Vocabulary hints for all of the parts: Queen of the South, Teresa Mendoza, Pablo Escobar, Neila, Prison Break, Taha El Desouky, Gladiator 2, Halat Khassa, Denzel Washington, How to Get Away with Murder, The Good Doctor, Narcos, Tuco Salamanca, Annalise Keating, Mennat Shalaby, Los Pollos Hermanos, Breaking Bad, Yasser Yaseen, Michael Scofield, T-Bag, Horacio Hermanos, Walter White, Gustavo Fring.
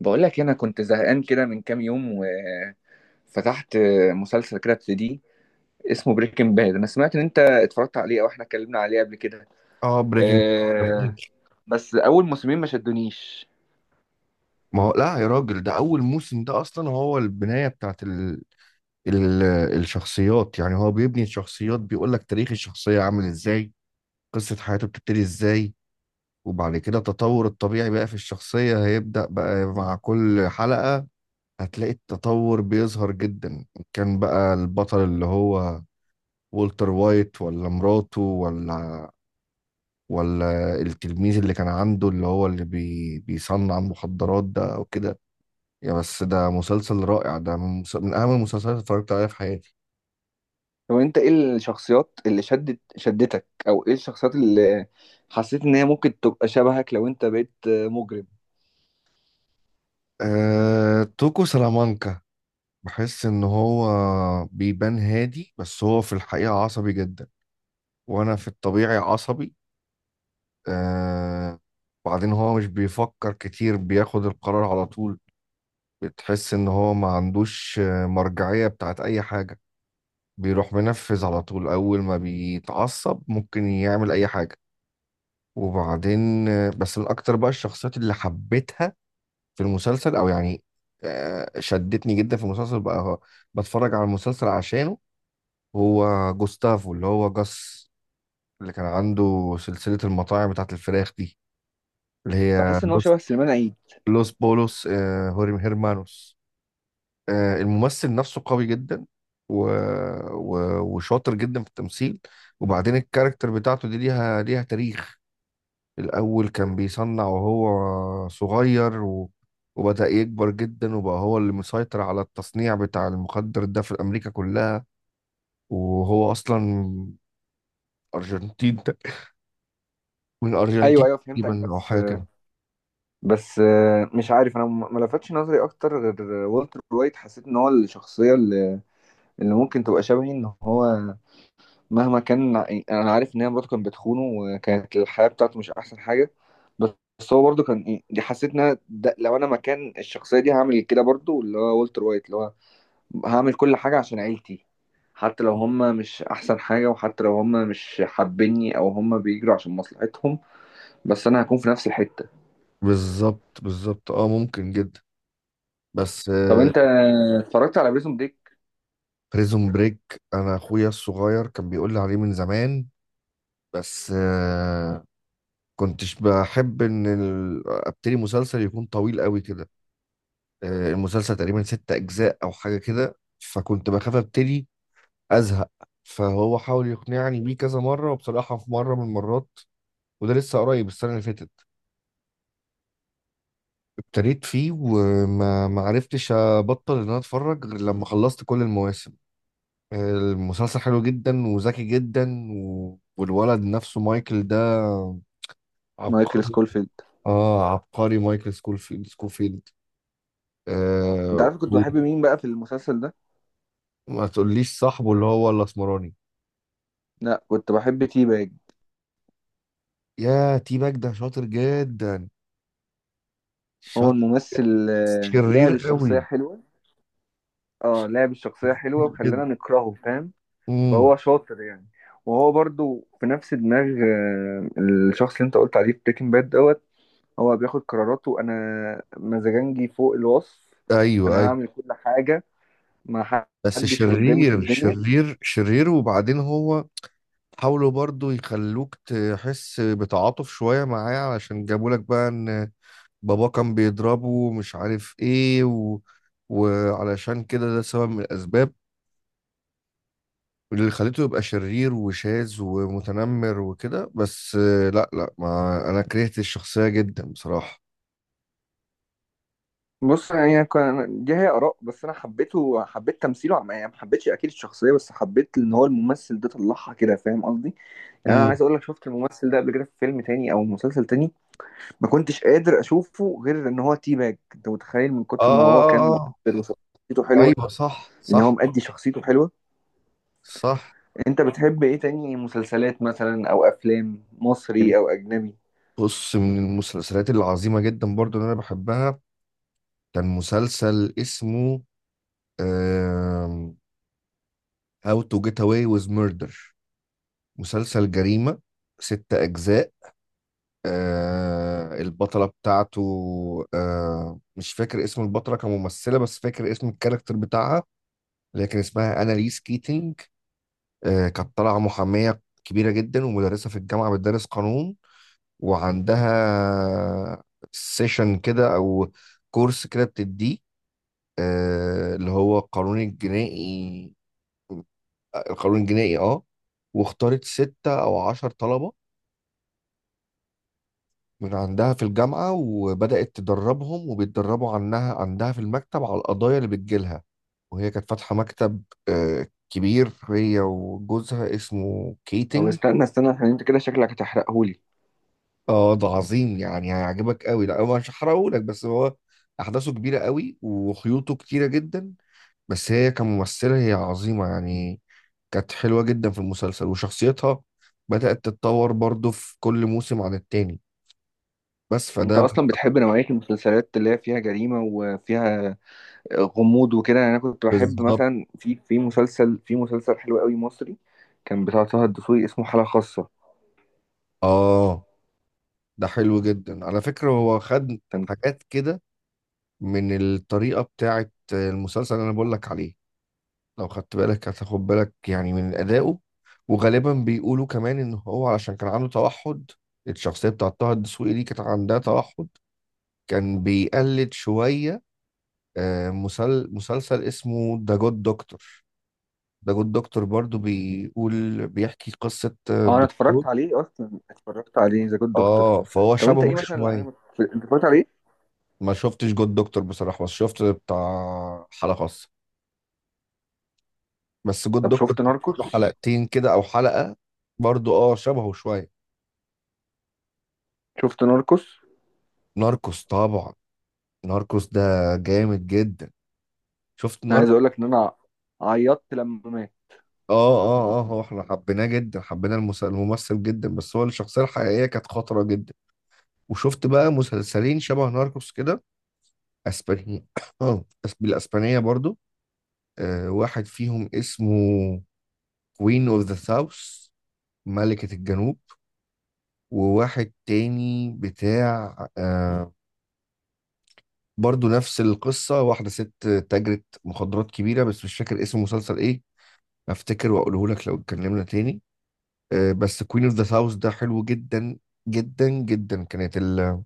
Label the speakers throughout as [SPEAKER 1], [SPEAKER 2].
[SPEAKER 1] بقول لك إيه، انا كنت زهقان كده من كام يوم، وفتحت مسلسل كده ابتدي اسمه بريكنج باد. انا سمعت ان انت اتفرجت عليه او احنا اتكلمنا عليه قبل كده.
[SPEAKER 2] اه بريكنج.
[SPEAKER 1] آه، بس اول موسمين ما شدونيش.
[SPEAKER 2] ما هو لا يا راجل، ده اول موسم، ده اصلا هو البنايه بتاعت ال... الشخصيات يعني هو بيبني الشخصيات، بيقول لك تاريخ الشخصيه عامل ازاي، قصه حياته بتبتدي ازاي. وبعد كده التطور الطبيعي بقى في الشخصيه هيبدا بقى مع كل حلقه، هتلاقي التطور بيظهر جدا. كان بقى البطل اللي هو والتر وايت ولا مراته ولا التلميذ اللي كان عنده اللي هو اللي بيصنع المخدرات ده او كده. يا بس ده مسلسل رائع، ده من أهم المسلسلات اللي اتفرجت عليها في حياتي.
[SPEAKER 1] هو انت ايه الشخصيات اللي شدتك او ايه الشخصيات اللي حسيت ان هي ممكن تبقى شبهك لو انت بقيت مجرم؟
[SPEAKER 2] توكو سلامانكا، بحس إن هو بيبان هادي بس هو في الحقيقة عصبي جدا، وأنا في الطبيعي عصبي. أه... وبعدين هو مش بيفكر كتير، بياخد القرار على طول. بتحس إن هو ما عندوش، مرجعية بتاعت أي حاجة. بيروح منفذ على طول، أول ما بيتعصب ممكن يعمل أي حاجة. وبعدين بس من أكتر بقى الشخصيات اللي حبيتها في المسلسل او يعني شدتني جدا في المسلسل بقى، هو بتفرج على المسلسل عشانه، هو جوستافو اللي هو جاس، اللي كان عنده سلسلة المطاعم بتاعت الفراخ دي، اللي هي
[SPEAKER 1] بحس ان هو شبه سليمان عيد.
[SPEAKER 2] لوس بولوس، هوريم هيرمانوس. الممثل نفسه قوي جدا و... وشاطر جدا في التمثيل. وبعدين الكاركتر بتاعته دي ليها تاريخ. الأول كان بيصنع وهو صغير وبدأ يكبر جدا وبقى هو اللي مسيطر على التصنيع بتاع المخدر ده في أمريكا كلها. وهو أصلا أرجنتين تق- من الأرجنتين
[SPEAKER 1] ايوه ايوه، فهمتك،
[SPEAKER 2] تقريبا أو
[SPEAKER 1] بس
[SPEAKER 2] حاجة كده.
[SPEAKER 1] بس، مش عارف، انا ما لفتش نظري اكتر غير والتر وايت. حسيت ان هو الشخصيه اللي ممكن تبقى شبهي، ان هو مهما كان. انا عارف ان هي مراته كانت بتخونه وكانت الحياه بتاعته مش احسن حاجه، بس هو برضه كان دي. حسيت ان أنا ده لو انا مكان الشخصيه دي هعمل كده برضه، اللي هو والتر وايت، اللي هو هعمل كل حاجه عشان عيلتي، حتى لو هم مش احسن حاجه، وحتى لو هم مش حابيني او هم بيجروا عشان مصلحتهم، بس انا هكون في نفس الحته.
[SPEAKER 2] بالظبط بالظبط، اه ممكن جدا بس.
[SPEAKER 1] طب انت اتفرجت على بريزون بريك؟
[SPEAKER 2] بريزون بريك، أنا أخويا الصغير كان بيقول لي عليه من زمان بس، كنتش بحب إن أبتدي مسلسل يكون طويل قوي كده. المسلسل تقريبا ست أجزاء أو حاجة كده، فكنت بخاف أبتدي أزهق. فهو حاول يقنعني بيه كذا مرة، وبصراحة في مرة من المرات، وده لسه قريب السنة اللي فاتت، ابتديت فيه وما ما عرفتش أبطل إن أنا أتفرج غير لما خلصت كل المواسم. المسلسل حلو جدا وذكي جدا والولد نفسه مايكل ده
[SPEAKER 1] مايكل
[SPEAKER 2] عبقري.
[SPEAKER 1] سكولفيلد.
[SPEAKER 2] اه عبقري، مايكل سكوفيلد.
[SPEAKER 1] انت
[SPEAKER 2] آه.
[SPEAKER 1] عارف كنت بحب مين بقى في المسلسل ده؟
[SPEAKER 2] ما تقوليش صاحبه اللي هو الاسمراني؟
[SPEAKER 1] لا، كنت بحب تي باج.
[SPEAKER 2] يا تي باك ده شاطر جدا،
[SPEAKER 1] هو
[SPEAKER 2] شاطر،
[SPEAKER 1] الممثل
[SPEAKER 2] شرير
[SPEAKER 1] لعب الشخصية
[SPEAKER 2] قوي
[SPEAKER 1] حلوة. اه، لعب الشخصية حلوة
[SPEAKER 2] جدا.
[SPEAKER 1] وخلانا نكرهه، فاهم؟
[SPEAKER 2] امم
[SPEAKER 1] فهو شاطر يعني. وهو برضو في نفس دماغ الشخص اللي انت قلت عليه في بريكنج باد دوت. هو بياخد قراراته، انا مزاجنجي فوق الوصف.
[SPEAKER 2] ايوه
[SPEAKER 1] انا
[SPEAKER 2] ايوه،
[SPEAKER 1] هعمل كل حاجة، ما
[SPEAKER 2] بس
[SPEAKER 1] حدش قدامي في
[SPEAKER 2] شرير
[SPEAKER 1] الدنيا.
[SPEAKER 2] شرير شرير. وبعدين هو حاولوا برضو يخلوك تحس بتعاطف شوية معاه، علشان جابوا لك بقى ان بابا كان بيضربه ومش عارف ايه وعلشان كده، ده سبب من الاسباب اللي خليته يبقى شرير وشاذ ومتنمر وكده، بس لا لا، ما انا كرهت الشخصية جدا بصراحة.
[SPEAKER 1] بص، يعني دي هي آراء، بس انا حبيته، حبيت تمثيله، يعني ما حبيتش اكيد الشخصية، بس حبيت ان هو الممثل ده طلعها كده، فاهم قصدي؟ يعني انا عايز اقول لك، شفت الممثل ده قبل كده في فيلم تاني او مسلسل تاني؟ ما كنتش قادر اشوفه غير ان هو تي باج. انت متخيل من كتر ما
[SPEAKER 2] آه
[SPEAKER 1] هو
[SPEAKER 2] آه
[SPEAKER 1] كان
[SPEAKER 2] آه آه.
[SPEAKER 1] مؤثر وشخصيته حلوه،
[SPEAKER 2] أيوه صح
[SPEAKER 1] ان هو
[SPEAKER 2] صح
[SPEAKER 1] مأدي شخصيته حلوه.
[SPEAKER 2] صح.
[SPEAKER 1] انت بتحب ايه تاني مسلسلات مثلا او افلام، مصري او اجنبي؟
[SPEAKER 2] بص، من المسلسلات العظيمة جدا برضو اللي أنا بحبها كان مسلسل اسمه آم، How to Get Away with Murder. مسلسل جريمة، ست أجزاء. البطلة بتاعته مش فاكر اسم البطلة كممثلة، بس فاكر اسم الكاركتر بتاعها اللي هي كان اسمها أناليس كيتينج. كانت طالعة محامية كبيرة جدا ومدرسة في الجامعة بتدرس قانون، وعندها سيشن كده او كورس كده بتديه اللي هو القانون الجنائي. القانون الجنائي اه. واختارت ستة او عشر طلبة من عندها في الجامعة، وبدأت تدربهم وبيتدربوا عنها عندها في المكتب على القضايا اللي بتجيلها. وهي كانت فاتحة مكتب كبير، هي وجوزها اسمه
[SPEAKER 1] طب
[SPEAKER 2] كيتنج.
[SPEAKER 1] استنى استنى، عشان انت كده شكلك هتحرقهولي.
[SPEAKER 2] اه ده عظيم، يعني هيعجبك قوي، لا هو مش هحرقهولك، بس هو احداثه كبيره قوي وخيوطه كتيره جدا. بس هي كممثله هي عظيمه يعني، كانت حلوه جدا في المسلسل، وشخصيتها بدات تتطور برضو في كل موسم عن التاني. بس
[SPEAKER 1] انت اصلا بتحب نوعيه المسلسلات اللي هي فيها جريمه وفيها غموض وكده؟ يعني انا كنت بحب
[SPEAKER 2] بالظبط.
[SPEAKER 1] مثلا في مسلسل حلو قوي مصري، كان بتاع طه الدسوقي، اسمه حالة خاصة.
[SPEAKER 2] اه ده حلو جدا على فكره، هو خد حاجات كده من الطريقه بتاعه المسلسل اللي انا بقول لك عليه. لو خدت بالك هتاخد بالك يعني من أدائه. وغالبا بيقولوا كمان إن هو علشان كان عنده توحد، الشخصية بتاعت طه الدسوقي دي كانت عندها توحد، كان بيقلد شوية مسلسل اسمه ذا جود دكتور. ذا جود دكتور برضو بيقول، بيحكي قصة
[SPEAKER 1] اه انا
[SPEAKER 2] دكتور،
[SPEAKER 1] اتفرجت عليه، اصلا اتفرجت عليه ذا جود دكتور.
[SPEAKER 2] اه فهو
[SPEAKER 1] طب انت
[SPEAKER 2] شبهه
[SPEAKER 1] ايه مثلا اللي
[SPEAKER 2] شوية.
[SPEAKER 1] عجبك انت اتفرجت عليه؟
[SPEAKER 2] ما شفتش جود دكتور بصراحة، بس شفت بتاع حلقة خاصة. بس جود
[SPEAKER 1] طب
[SPEAKER 2] دكتور
[SPEAKER 1] شفت
[SPEAKER 2] له
[SPEAKER 1] ناركوس؟
[SPEAKER 2] حلقتين كده أو حلقة، برضو اه شبهه شوية.
[SPEAKER 1] شفت ناركوس؟
[SPEAKER 2] ناركوس طبعا، ناركوس ده جامد جدا. شفت
[SPEAKER 1] انا عايز
[SPEAKER 2] ناركو؟
[SPEAKER 1] اقول لك ان انا عيطت لما مات.
[SPEAKER 2] اه اه اه، هو احنا حبيناه جدا، حبينا الممثل جدا، بس هو الشخصية الحقيقية كانت خطرة جدا. وشفت بقى مسلسلين شبه ناركوس كده، اسبانية. اه، بالاسبانية برضو. آه، واحد فيهم اسمه كوين اوف ذا ساوث، ملكة الجنوب. وواحد تاني بتاع آه، برضو نفس القصة، واحدة ست تاجرة مخدرات كبيرة، بس مش فاكر اسم المسلسل ايه، افتكر واقوله لك لو اتكلمنا تاني. بس كوين اوف ذا ساوث ده حلو جدا، جدا جدا. كانت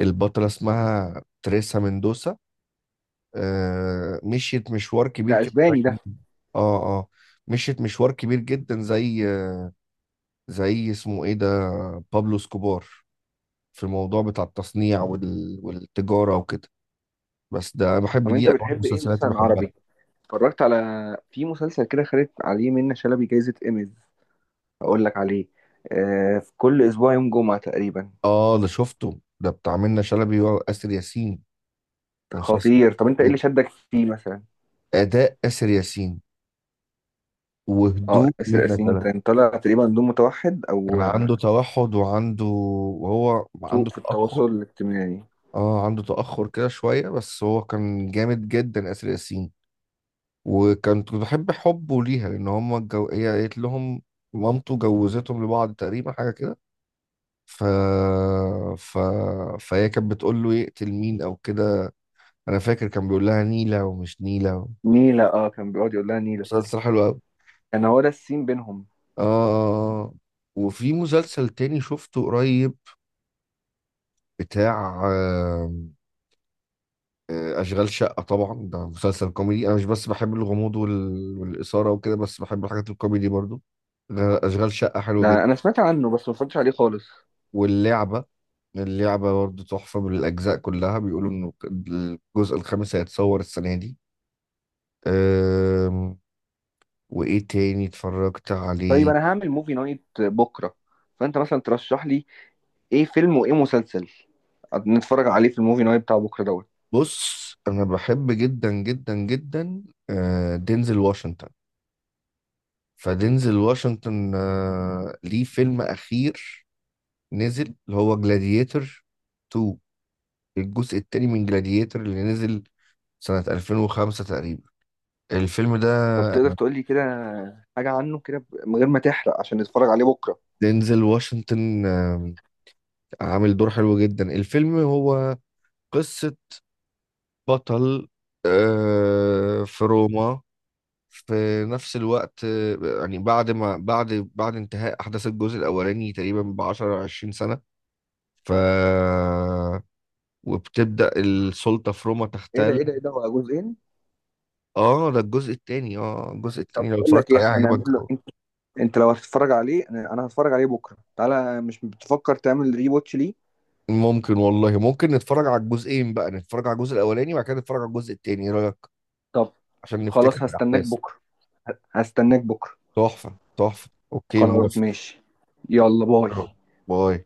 [SPEAKER 2] البطلة اسمها تريسا مندوسا. مشيت مشوار كبير
[SPEAKER 1] ده
[SPEAKER 2] كده زي،
[SPEAKER 1] اسباني ده؟
[SPEAKER 2] اه اه، مشيت مشوار كبير جدا زي اسمه ايه ده، بابلو اسكوبار، في الموضوع بتاع التصنيع والتجارة وكده. بس ده أنا بحب
[SPEAKER 1] طب
[SPEAKER 2] دي
[SPEAKER 1] انت
[SPEAKER 2] انواع
[SPEAKER 1] بتحب ايه
[SPEAKER 2] المسلسلات اللي
[SPEAKER 1] مثلا
[SPEAKER 2] بحبها.
[SPEAKER 1] عربي؟ اتفرجت على، في مسلسل كده خدت عليه منة شلبي جايزة ايميز، اقول لك عليه؟ آه، في كل اسبوع يوم جمعة تقريبا.
[SPEAKER 2] اه ده شفته ده، بتاع منة شلبي وآسر ياسين، مسلسل.
[SPEAKER 1] خطير. طب انت ايه اللي شدك فيه مثلا؟
[SPEAKER 2] أداء آسر ياسين
[SPEAKER 1] اه
[SPEAKER 2] وهدوء
[SPEAKER 1] ياسر
[SPEAKER 2] منة
[SPEAKER 1] ياسين
[SPEAKER 2] شلبي.
[SPEAKER 1] كان طالع تقريبا دون متوحد
[SPEAKER 2] كان
[SPEAKER 1] او
[SPEAKER 2] عنده توحد، وهو
[SPEAKER 1] سوء
[SPEAKER 2] عنده
[SPEAKER 1] في
[SPEAKER 2] تأخر.
[SPEAKER 1] التواصل الاجتماعي.
[SPEAKER 2] اه عنده تأخر كده شوية، بس هو كان جامد جدا آسر ياسين. وكنت بحب حبه ليها، لأن هما هي قالت لهم، مامته جوزتهم لبعض تقريبا حاجة كده، ف... ف... فهي كانت بتقول له يقتل مين أو كده. أنا فاكر كان بيقول لها نيلة ومش نيلة.
[SPEAKER 1] نيلة، اه كان بيقعد يقول لها نيلة.
[SPEAKER 2] مسلسل حلو أوي.
[SPEAKER 1] كان هو ده السين بينهم.
[SPEAKER 2] آه آه، آه. آه. وفي مسلسل تاني شفته قريب بتاع أشغال شقة. طبعا ده مسلسل كوميدي، أنا مش بس بحب الغموض والإثارة وكده، بس بحب الحاجات الكوميدي برضو. أشغال شقة حلوة جدا.
[SPEAKER 1] ده انا سمعت عنه بس ما اتفرجتش عليه خالص.
[SPEAKER 2] واللعبة، اللعبة برضو تحفة بالأجزاء كلها. بيقولوا إنه الجزء الخامس هيتصور السنة دي. أم... وإيه تاني اتفرجت
[SPEAKER 1] طيب
[SPEAKER 2] عليه؟
[SPEAKER 1] انا هعمل موفي نايت بكرة، فانت مثلا ترشح لي ايه فيلم وايه مسلسل نتفرج عليه في الموفي نايت بتاع بكرة دوت.
[SPEAKER 2] بص أنا بحب جدا جدا جدا دينزل واشنطن. فدينزل واشنطن ليه فيلم أخير نزل اللي هو جلاديتر 2، الجزء التاني من جلاديتر اللي نزل سنة 2005 تقريبا الفيلم ده.
[SPEAKER 1] طب تقدر تقول لي كده حاجة عنه كده، من غير ما تحرق، عشان نتفرج عليه بكرة.
[SPEAKER 2] دينزل واشنطن عامل دور حلو جدا. الفيلم هو قصة بطل في روما، في نفس الوقت يعني بعد ما بعد انتهاء أحداث الجزء الأولاني تقريبا بعشرة عشرين سنة. ف وبتبدأ السلطة في روما
[SPEAKER 1] ايه ده؟
[SPEAKER 2] تحتل.
[SPEAKER 1] ايه ده هو جزئين؟
[SPEAKER 2] اه ده الجزء التاني، اه الجزء التاني
[SPEAKER 1] طب
[SPEAKER 2] لو
[SPEAKER 1] بقول لك
[SPEAKER 2] اتفرجت
[SPEAKER 1] ايه،
[SPEAKER 2] عليه
[SPEAKER 1] احنا
[SPEAKER 2] هيعجبك
[SPEAKER 1] نعمل له،
[SPEAKER 2] أوي.
[SPEAKER 1] انت انت لو هتتفرج عليه، انا أنا هتفرج عليه بكرة، تعالى، مش بتفكر تعمل ري واتش ليه؟
[SPEAKER 2] ممكن والله ممكن، نتفرج على الجزئين بقى، نتفرج على الجزء الاولاني وبعد كده نتفرج على الجزء التاني، ايه رايك؟
[SPEAKER 1] طب
[SPEAKER 2] عشان نفتكر
[SPEAKER 1] خلاص، هستناك
[SPEAKER 2] الاحداث.
[SPEAKER 1] بكرة، هستناك بكرة.
[SPEAKER 2] تحفه تحفه، اوكي
[SPEAKER 1] خلاص
[SPEAKER 2] موافق.
[SPEAKER 1] ماشي، يلا باي.
[SPEAKER 2] آه. باي.